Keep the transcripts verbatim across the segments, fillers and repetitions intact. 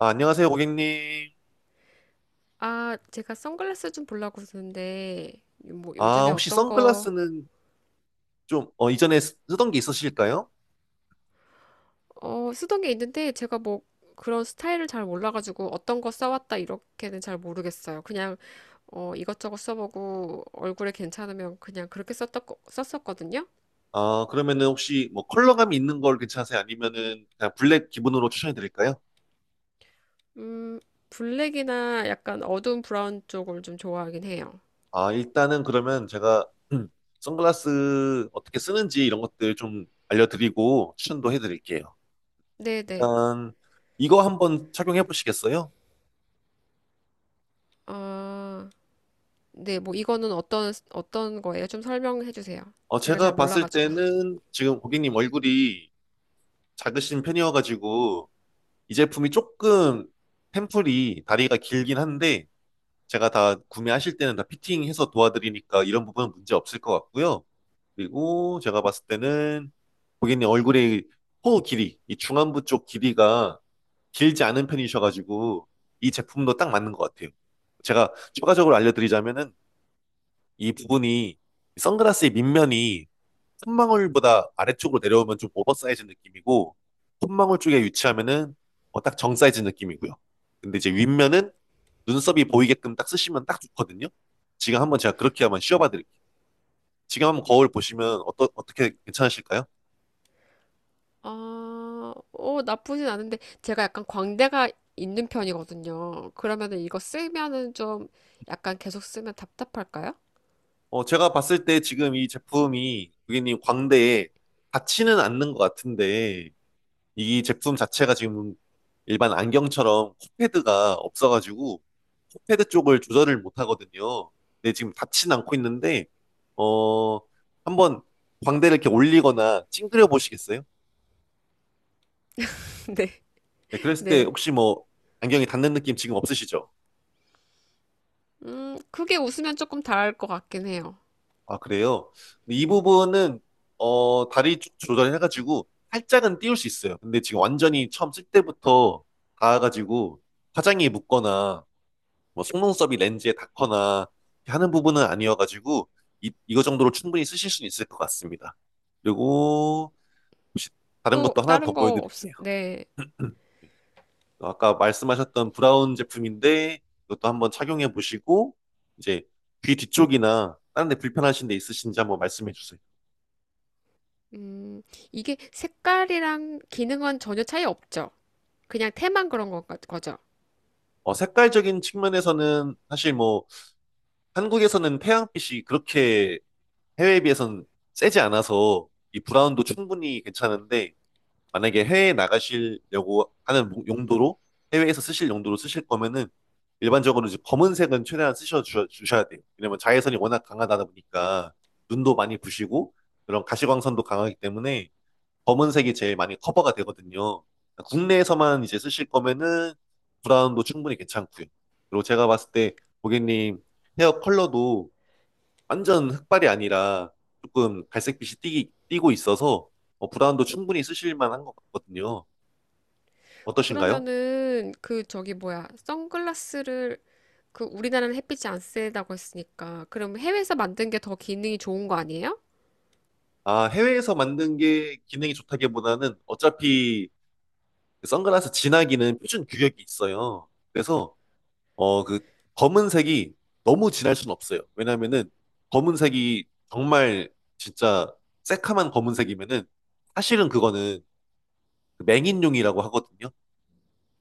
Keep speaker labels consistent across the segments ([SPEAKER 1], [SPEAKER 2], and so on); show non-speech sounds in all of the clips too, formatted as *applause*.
[SPEAKER 1] 아, 안녕하세요, 고객님.
[SPEAKER 2] 아, 제가 선글라스 좀 보려고 그러는데, 뭐
[SPEAKER 1] 아,
[SPEAKER 2] 요즘에
[SPEAKER 1] 혹시
[SPEAKER 2] 어떤 거,
[SPEAKER 1] 선글라스는 좀, 어, 이전에 쓰- 쓰던 게 있으실까요?
[SPEAKER 2] 어, 쓰던 게 있는데, 제가 뭐 그런 스타일을 잘 몰라가지고 어떤 거 써왔다 이렇게는 잘 모르겠어요. 그냥, 어, 이것저것 써보고 얼굴에 괜찮으면 그냥 그렇게 썼던, 거- 썼었거든요.
[SPEAKER 1] 아, 그러면은 혹시 뭐 컬러감이 있는 걸 괜찮으세요? 아니면은 그냥 블랙 기본으로 추천해 드릴까요?
[SPEAKER 2] 음, 블랙이나 약간 어두운 브라운 쪽을 좀 좋아하긴 해요.
[SPEAKER 1] 아, 일단은 그러면 제가 *clears throat* 음, 선글라스 어떻게 쓰는지 이런 것들 좀 알려드리고 추천도 해 드릴게요.
[SPEAKER 2] 네네.
[SPEAKER 1] 일단 이거 한번 착용해 보시겠어요?
[SPEAKER 2] 아, 네, 뭐 이거는 어떤, 어떤 거예요? 좀 설명해 주세요.
[SPEAKER 1] 어,
[SPEAKER 2] 제가 잘
[SPEAKER 1] 제가 봤을
[SPEAKER 2] 몰라가지고.
[SPEAKER 1] 때는 지금 고객님 얼굴이 작으신 편이어가지고 이 제품이 조금 템플이 다리가 길긴 한데 제가 다 구매하실 때는 다 피팅해서 도와드리니까 이런 부분은 문제 없을 것 같고요. 그리고 제가 봤을 때는 고객님 얼굴의 코 길이, 이 중안부 쪽 길이가 길지 않은 편이셔가지고 이 제품도 딱 맞는 것 같아요. 제가 추가적으로 알려드리자면은 이 부분이 선글라스의 밑면이 콧망울보다 아래쪽으로 내려오면 좀 오버사이즈 느낌이고 콧망울 쪽에 위치하면은 어, 딱 정사이즈 느낌이고요. 근데 이제 윗면은 눈썹이 보이게끔 딱 쓰시면 딱 좋거든요. 지금 한번 제가 그렇게 한번 씌워봐 드릴게요. 지금 한번 거울 보시면 어떠, 어떻게 괜찮으실까요?
[SPEAKER 2] 아, 어, 나쁘진 않은데 제가 약간 광대가 있는 편이거든요. 그러면은 이거 쓰면은 좀 약간 계속 쓰면 답답할까요?
[SPEAKER 1] 어, 제가 봤을 때 지금 이 제품이 고객님 광대에 닿지는 않는 것 같은데 이 제품 자체가 지금 일반 안경처럼 코패드가 없어가지고 코패드 쪽을 조절을 못 하거든요. 근데 지금 닿진 않고 있는데, 어, 한번 광대를 이렇게 올리거나 찡그려 보시겠어요?
[SPEAKER 2] *laughs* 네,
[SPEAKER 1] 네, 그랬을 때
[SPEAKER 2] 네.
[SPEAKER 1] 혹시 뭐 안경이 닿는 느낌 지금 없으시죠?
[SPEAKER 2] 음, 크게 웃으면 조금 다를 것 같긴 해요.
[SPEAKER 1] 아, 그래요? 근데 이 부분은, 어, 다리 쪽 조절해가지고 살짝은 띄울 수 있어요. 근데 지금 완전히 처음 쓸 때부터 닿아가지고 화장이 묻거나 뭐 속눈썹이 렌즈에 닿거나 하는 부분은 아니어가지고 이, 이거 정도로 충분히 쓰실 수는 있을 것 같습니다. 그리고 혹시 다른
[SPEAKER 2] 또
[SPEAKER 1] 것도 하나 더
[SPEAKER 2] 다른 거 없,
[SPEAKER 1] 보여드릴게요.
[SPEAKER 2] 네.
[SPEAKER 1] *clears throat* *laughs* 아까 말씀하셨던 브라운 제품인데 이것도 한번 착용해 보시고 이제 귀 뒤쪽이나 다른 데 불편하신 데 있으신지 한번 말씀해 주세요.
[SPEAKER 2] 음, 이게 색깔이랑 기능은 전혀 차이 없죠. 그냥 테만 그런 것 같- 거죠.
[SPEAKER 1] 어, 색깔적인 측면에서는 사실 뭐 한국에서는 태양빛이 그렇게 해외에 비해서는 세지 않아서 이 브라운도 충분히 괜찮은데 만약에 해외에 나가시려고 하는 목- 용도로 해외에서 쓰실 용도로 쓰실 거면은 일반적으로 이제 검은색은 최대한 쓰셔 주, 주셔야 돼요. 왜냐면 자외선이 워낙 강하다 보니까 눈도 많이 부시고 그런 가시광선도 강하기 때문에 검은색이 제일 많이 커버가 되거든요. 국내에서만 이제 쓰실 거면은 브라운도 충분히 괜찮고요. 그리고 제가 봤을 때 고객님 헤어 컬러도 완전 흑발이 아니라 조금 갈색빛이 띠, 띠고 있어서 어, 브라운도 충분히 쓰실 만한 것 같거든요. 어떠신가요?
[SPEAKER 2] 그러면은 그 저기 뭐야, 선글라스를 그 우리나라는 햇빛이 안 세다고 했으니까 그럼 해외에서 만든 게 더 기능이 좋은 거 아니에요?
[SPEAKER 1] 아, 해외에서 만든 게 기능이 좋다기보다는 어차피 그 선글라스 진하기는 표준 규격이 있어요. 그래서 어, 그 검은색이 너무 진할 순 없어요. 왜냐면은 검은색이 정말 진짜 새카만 검은색이면은 사실은 그거는 그 맹인용이라고 하거든요.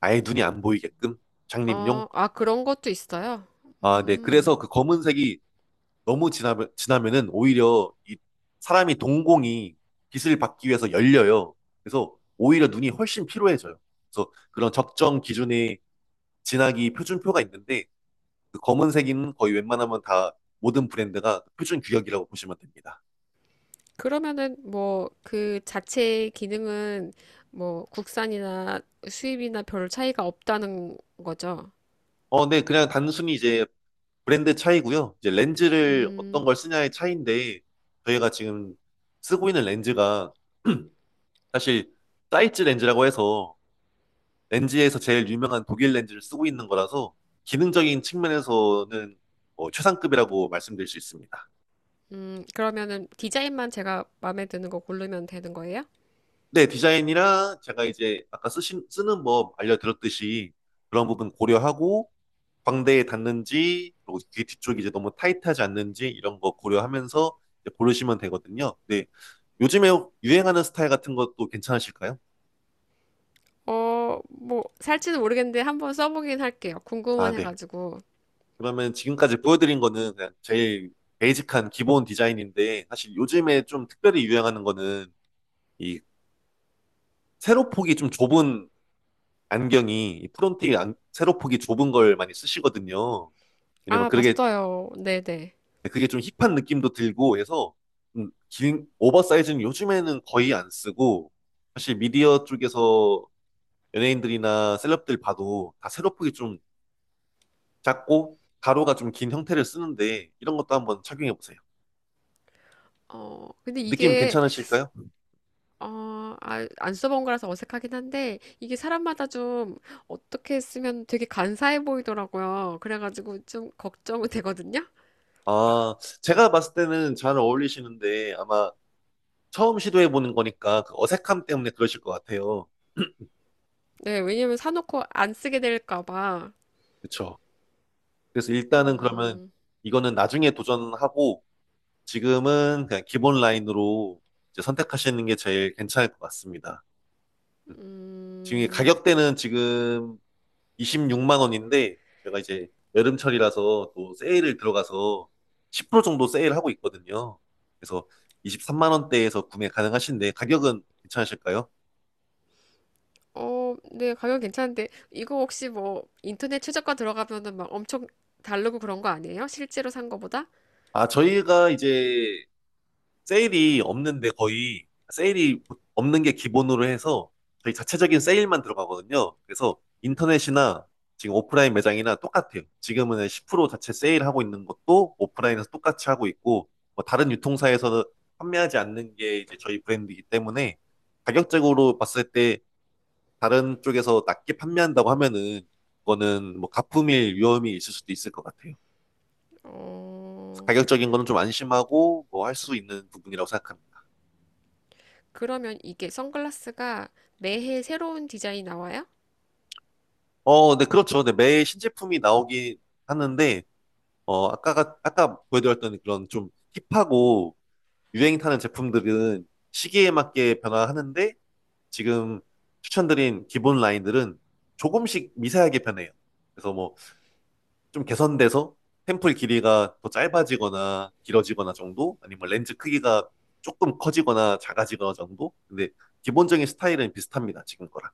[SPEAKER 1] 아예 눈이 안 보이게끔 장님용.
[SPEAKER 2] 어, 아, 그런 것도 있어요.
[SPEAKER 1] 아, 네.
[SPEAKER 2] 음,
[SPEAKER 1] 그래서 그 검은색이 너무 지나면 지나면은 오히려 이 사람이 동공이 빛을 받기 위해서 열려요. 그래서 오히려 눈이 훨씬 피로해져요. 그래서 그런 적정 기준의 진하기 표준표가 있는데 그 검은색인 거의 웬만하면 다 모든 브랜드가 그 표준 규격이라고 보시면 됩니다.
[SPEAKER 2] 그러면은 뭐 그 자체 기능은 뭐 국산이나 수입이나 별 차이가 없다는 거죠.
[SPEAKER 1] 어, 네. 그냥 단순히 이제 브랜드 차이고요. 이제 렌즈를 어떤
[SPEAKER 2] 음,
[SPEAKER 1] 걸 쓰냐의 차이인데 저희가 지금 쓰고 있는 렌즈가 *clears throat* 사실 사이즈 렌즈라고 해서 렌즈에서 제일 유명한 독일 렌즈를 쓰고 있는 거라서 기능적인 측면에서는 뭐 최상급이라고 말씀드릴 수 있습니다.
[SPEAKER 2] 음, 그러면은 디자인만 제가 마음에 드는 거 고르면 되는 거예요?
[SPEAKER 1] 네, 디자인이랑 제가 이제 아까 쓰신, 쓰는 법 알려드렸듯이 그런 부분 고려하고 광대에 닿는지 그리고 귀 뒤쪽이 이제 너무 타이트하지 않는지 이런 거 고려하면서 이제 고르시면 되거든요. 네, 요즘에 유행하는 스타일 같은 것도 괜찮으실까요?
[SPEAKER 2] 어, 뭐 살지는 모르겠는데 한번 써보긴 할게요.
[SPEAKER 1] 아,
[SPEAKER 2] 궁금은
[SPEAKER 1] 네.
[SPEAKER 2] 해가지고.
[SPEAKER 1] 그러면 지금까지 보여드린 거는 그냥 제일 베이직한 기본 디자인인데 사실 요즘에 좀 특별히 유행하는 거는 이 세로폭이 좀 좁은 안경이 이 프론틱 안, 세로폭이 좁은 걸 많이 쓰시거든요. 왜냐면
[SPEAKER 2] 아,
[SPEAKER 1] 그게
[SPEAKER 2] 봤어요. 네네.
[SPEAKER 1] 그게 좀 힙한 느낌도 들고 해서 좀 긴 오버사이즈는 요즘에는 거의 안 쓰고 사실 미디어 쪽에서 연예인들이나 셀럽들 봐도 다 세로폭이 좀 작고 가로가 좀 긴 형태를 쓰는데 이런 것도 한번 착용해 보세요.
[SPEAKER 2] 어, 근데
[SPEAKER 1] 느낌
[SPEAKER 2] 이게
[SPEAKER 1] 괜찮으실까요?
[SPEAKER 2] 어, 아, 안 써본 거라서 어색하긴 한데, 이게 사람마다 좀 어떻게 쓰면 되게 간사해 보이더라고요. 그래가지고 좀 걱정은 되거든요?
[SPEAKER 1] 아, 제가 봤을 때는 잘 어울리시는데 아마 처음 시도해보는 거니까 그 어색함 때문에 그러실 것 같아요.
[SPEAKER 2] 네, 왜냐면 사놓고 안 쓰게 될까 봐.
[SPEAKER 1] 그쵸? 그래서 일단은 그러면
[SPEAKER 2] 음,
[SPEAKER 1] 이거는 나중에 도전하고 지금은 그냥 기본 라인으로 이제 선택하시는 게 제일 괜찮을 것 같습니다. 음. 지금 이
[SPEAKER 2] 음,
[SPEAKER 1] 가격대는 지금 이십육만 원인데 제가 이제 여름철이라서 또 세일을 들어가서 십 퍼센트 정도 세일하고 있거든요. 그래서 이십삼만 원대에서 구매 가능하신데 가격은 괜찮으실까요?
[SPEAKER 2] 어, 네, 가격 괜찮은데, 이거 혹시 뭐 인터넷 최저가 들어가면은 막 엄청 다르고 그런 거 아니에요? 실제로 산 거보다?
[SPEAKER 1] 아, 저희가 이제 세일이 없는데 거의 세일이 없는 게 기본으로 해서 저희 자체적인 세일만 들어가거든요. 그래서 인터넷이나 지금 오프라인 매장이나 똑같아요. 지금은 십 퍼센트 자체 세일하고 있는 것도 오프라인에서 똑같이 하고 있고 뭐 다른 유통사에서는 판매하지 않는 게 이제 저희 브랜드이기 때문에 가격적으로 봤을 때 다른 쪽에서 낮게 판매한다고 하면은 그거는 뭐 가품일 위험이 있을 수도 있을 것 같아요.
[SPEAKER 2] 어,
[SPEAKER 1] 가격적인 거는 좀 안심하고 뭐 할 수 있는 부분이라고 생각합니다.
[SPEAKER 2] 그러면 이게 선글라스가 매해 새로운 디자인 나와요?
[SPEAKER 1] 어, 네, 그렇죠. 네, 매일 신제품이 나오긴 하는데, 어, 아까가, 아까 보여드렸던 그런 좀 힙하고 유행 타는 제품들은 시기에 맞게 변화하는데, 지금 추천드린 기본 라인들은 조금씩 미세하게 변해요. 그래서 뭐 좀 개선돼서 템플 길이가 더 짧아지거나 길어지거나 정도, 아니면 렌즈 크기가 조금 커지거나 작아지거나 정도. 근데 기본적인 스타일은 비슷합니다. 지금 거랑.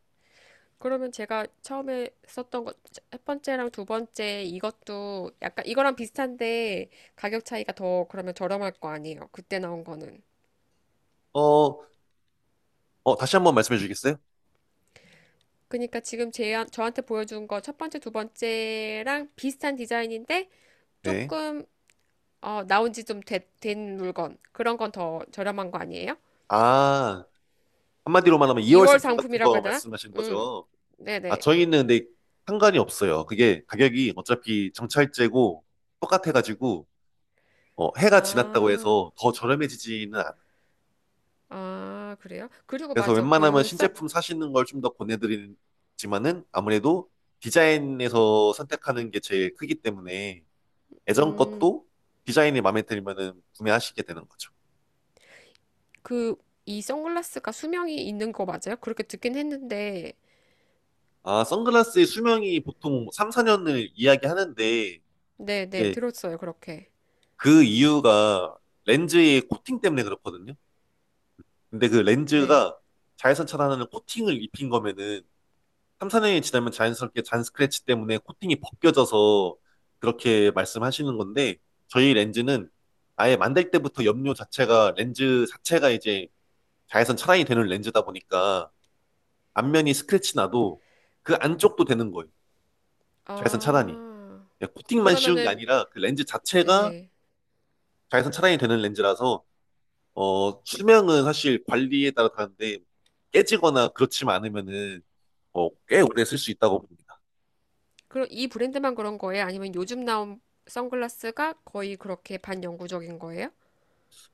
[SPEAKER 2] 그러면 제가 처음에 썼던 것, 첫 번째랑 두 번째 이것도 약간 이거랑 비슷한데 가격 차이가 더 그러면 저렴할 거 아니에요. 그때 나온 거는.
[SPEAKER 1] 어, 어, 다시 한 번 말씀해 주시겠어요?
[SPEAKER 2] 그러니까 지금 제, 저한테 보여준 거 첫 번째, 두 번째랑 비슷한 디자인인데
[SPEAKER 1] 네.
[SPEAKER 2] 조금 어, 나온 지 좀 된 물건. 그런 건 더 저렴한 거 아니에요?
[SPEAKER 1] 아, 한마디로만 하면 이월
[SPEAKER 2] 이 월
[SPEAKER 1] 상품 같은
[SPEAKER 2] 상품이라고
[SPEAKER 1] 거
[SPEAKER 2] 해야 되나?
[SPEAKER 1] 말씀하시는
[SPEAKER 2] 음.
[SPEAKER 1] 거죠? 아,
[SPEAKER 2] 네네.
[SPEAKER 1] 저희는 근데 상관이 없어요. 그게 가격이 어차피 정찰제고 똑같아가지고, 어, 해가 지났다고
[SPEAKER 2] 아,
[SPEAKER 1] 해서 더 저렴해지지는 않아요.
[SPEAKER 2] 아, 그래요? 그리고
[SPEAKER 1] 그래서
[SPEAKER 2] 맞아.
[SPEAKER 1] 웬만하면
[SPEAKER 2] 그 써,
[SPEAKER 1] 신제품 사시는 걸 좀 더 권해드리지만은 아무래도 디자인에서 선택하는 게 제일 크기 때문에 예전
[SPEAKER 2] 음.
[SPEAKER 1] 것도 디자인이 마음에 들면은 구매하시게 되는 거죠.
[SPEAKER 2] 그, 이 선글라스가 수명이 있는 거 맞아요? 그렇게 듣긴 했는데,
[SPEAKER 1] 아, 선글라스의 수명이 보통 삼, 사 년을 이야기하는데,
[SPEAKER 2] 네, 네,
[SPEAKER 1] 이제
[SPEAKER 2] 들었어요, 그렇게.
[SPEAKER 1] 그 이유가 렌즈의 코팅 때문에 그렇거든요. 근데 그
[SPEAKER 2] 네.
[SPEAKER 1] 렌즈가 자외선 차단하는 코팅을 입힌 거면은 삼, 사 년이 지나면 자연스럽게 잔 스크래치 때문에 코팅이 벗겨져서 그렇게 말씀하시는 건데, 저희 렌즈는 아예 만들 때부터 염료 자체가 렌즈 자체가 이제 자외선 차단이 되는 렌즈다 보니까 앞면이 스크래치 나도 그 안쪽도 되는 거예요. 자외선 차단이.
[SPEAKER 2] 아,
[SPEAKER 1] 그냥 코팅만 씌운 게
[SPEAKER 2] 그러면은,
[SPEAKER 1] 아니라 그 렌즈 자체가
[SPEAKER 2] 예.
[SPEAKER 1] 자외선 차단이 되는 렌즈라서 어 수명은 사실 관리에 따라 다른데 깨지거나 그렇지만 않으면은 어, 꽤 오래 쓸 수 있다고 봅니다.
[SPEAKER 2] 그럼 이 브랜드만 그런 거예요? 아니면 요즘 나온 선글라스가 거의 그렇게 반영구적인 거예요?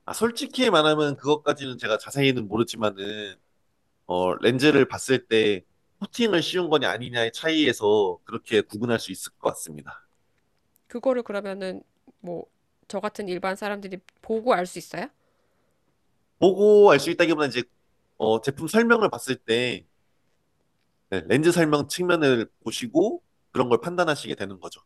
[SPEAKER 1] 아 솔직히 말하면 그것까지는 제가 자세히는 모르지만은 어 렌즈를 봤을 때 코팅을 씌운 거냐 아니냐의 차이에서 그렇게 구분할 수 있을 것 같습니다.
[SPEAKER 2] 그거를 그러면은, 뭐, 저 같은 일반 사람들이 보고 알 수 있어요?
[SPEAKER 1] 보고 알 수 있다기보다 이제 어 제품 설명을 봤을 때 네, 렌즈 설명 측면을 보시고 그런 걸 판단하시게 되는 거죠.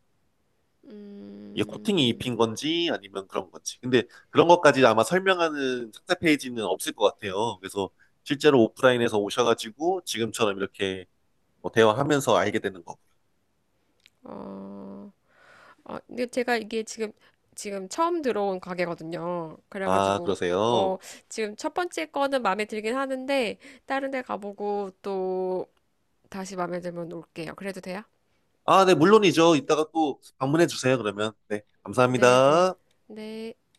[SPEAKER 1] 이게 코팅이
[SPEAKER 2] 음,
[SPEAKER 1] 입힌 건지 아니면 그런 건지. 근데 그런 것까지 아마 설명하는 상세 페이지는 없을 것 같아요. 그래서 실제로 오프라인에서 오셔가지고 지금처럼 이렇게 뭐 대화하면서 알게 되는 거고.
[SPEAKER 2] 어, 아, 근데 제가 이게 지금 지금 처음 들어온 가게거든요.
[SPEAKER 1] 아,
[SPEAKER 2] 그래가지고 뭐
[SPEAKER 1] 그러세요?
[SPEAKER 2] 지금 첫 번째 거는 마음에 들긴 하는데 다른 데 가보고 또 다시 마음에 들면 올게요. 그래도 돼요?
[SPEAKER 1] 아, 네, 물론이죠. 이따가 또 방문해 주세요, 그러면. 네,
[SPEAKER 2] 네, 네.
[SPEAKER 1] 감사합니다.
[SPEAKER 2] 네.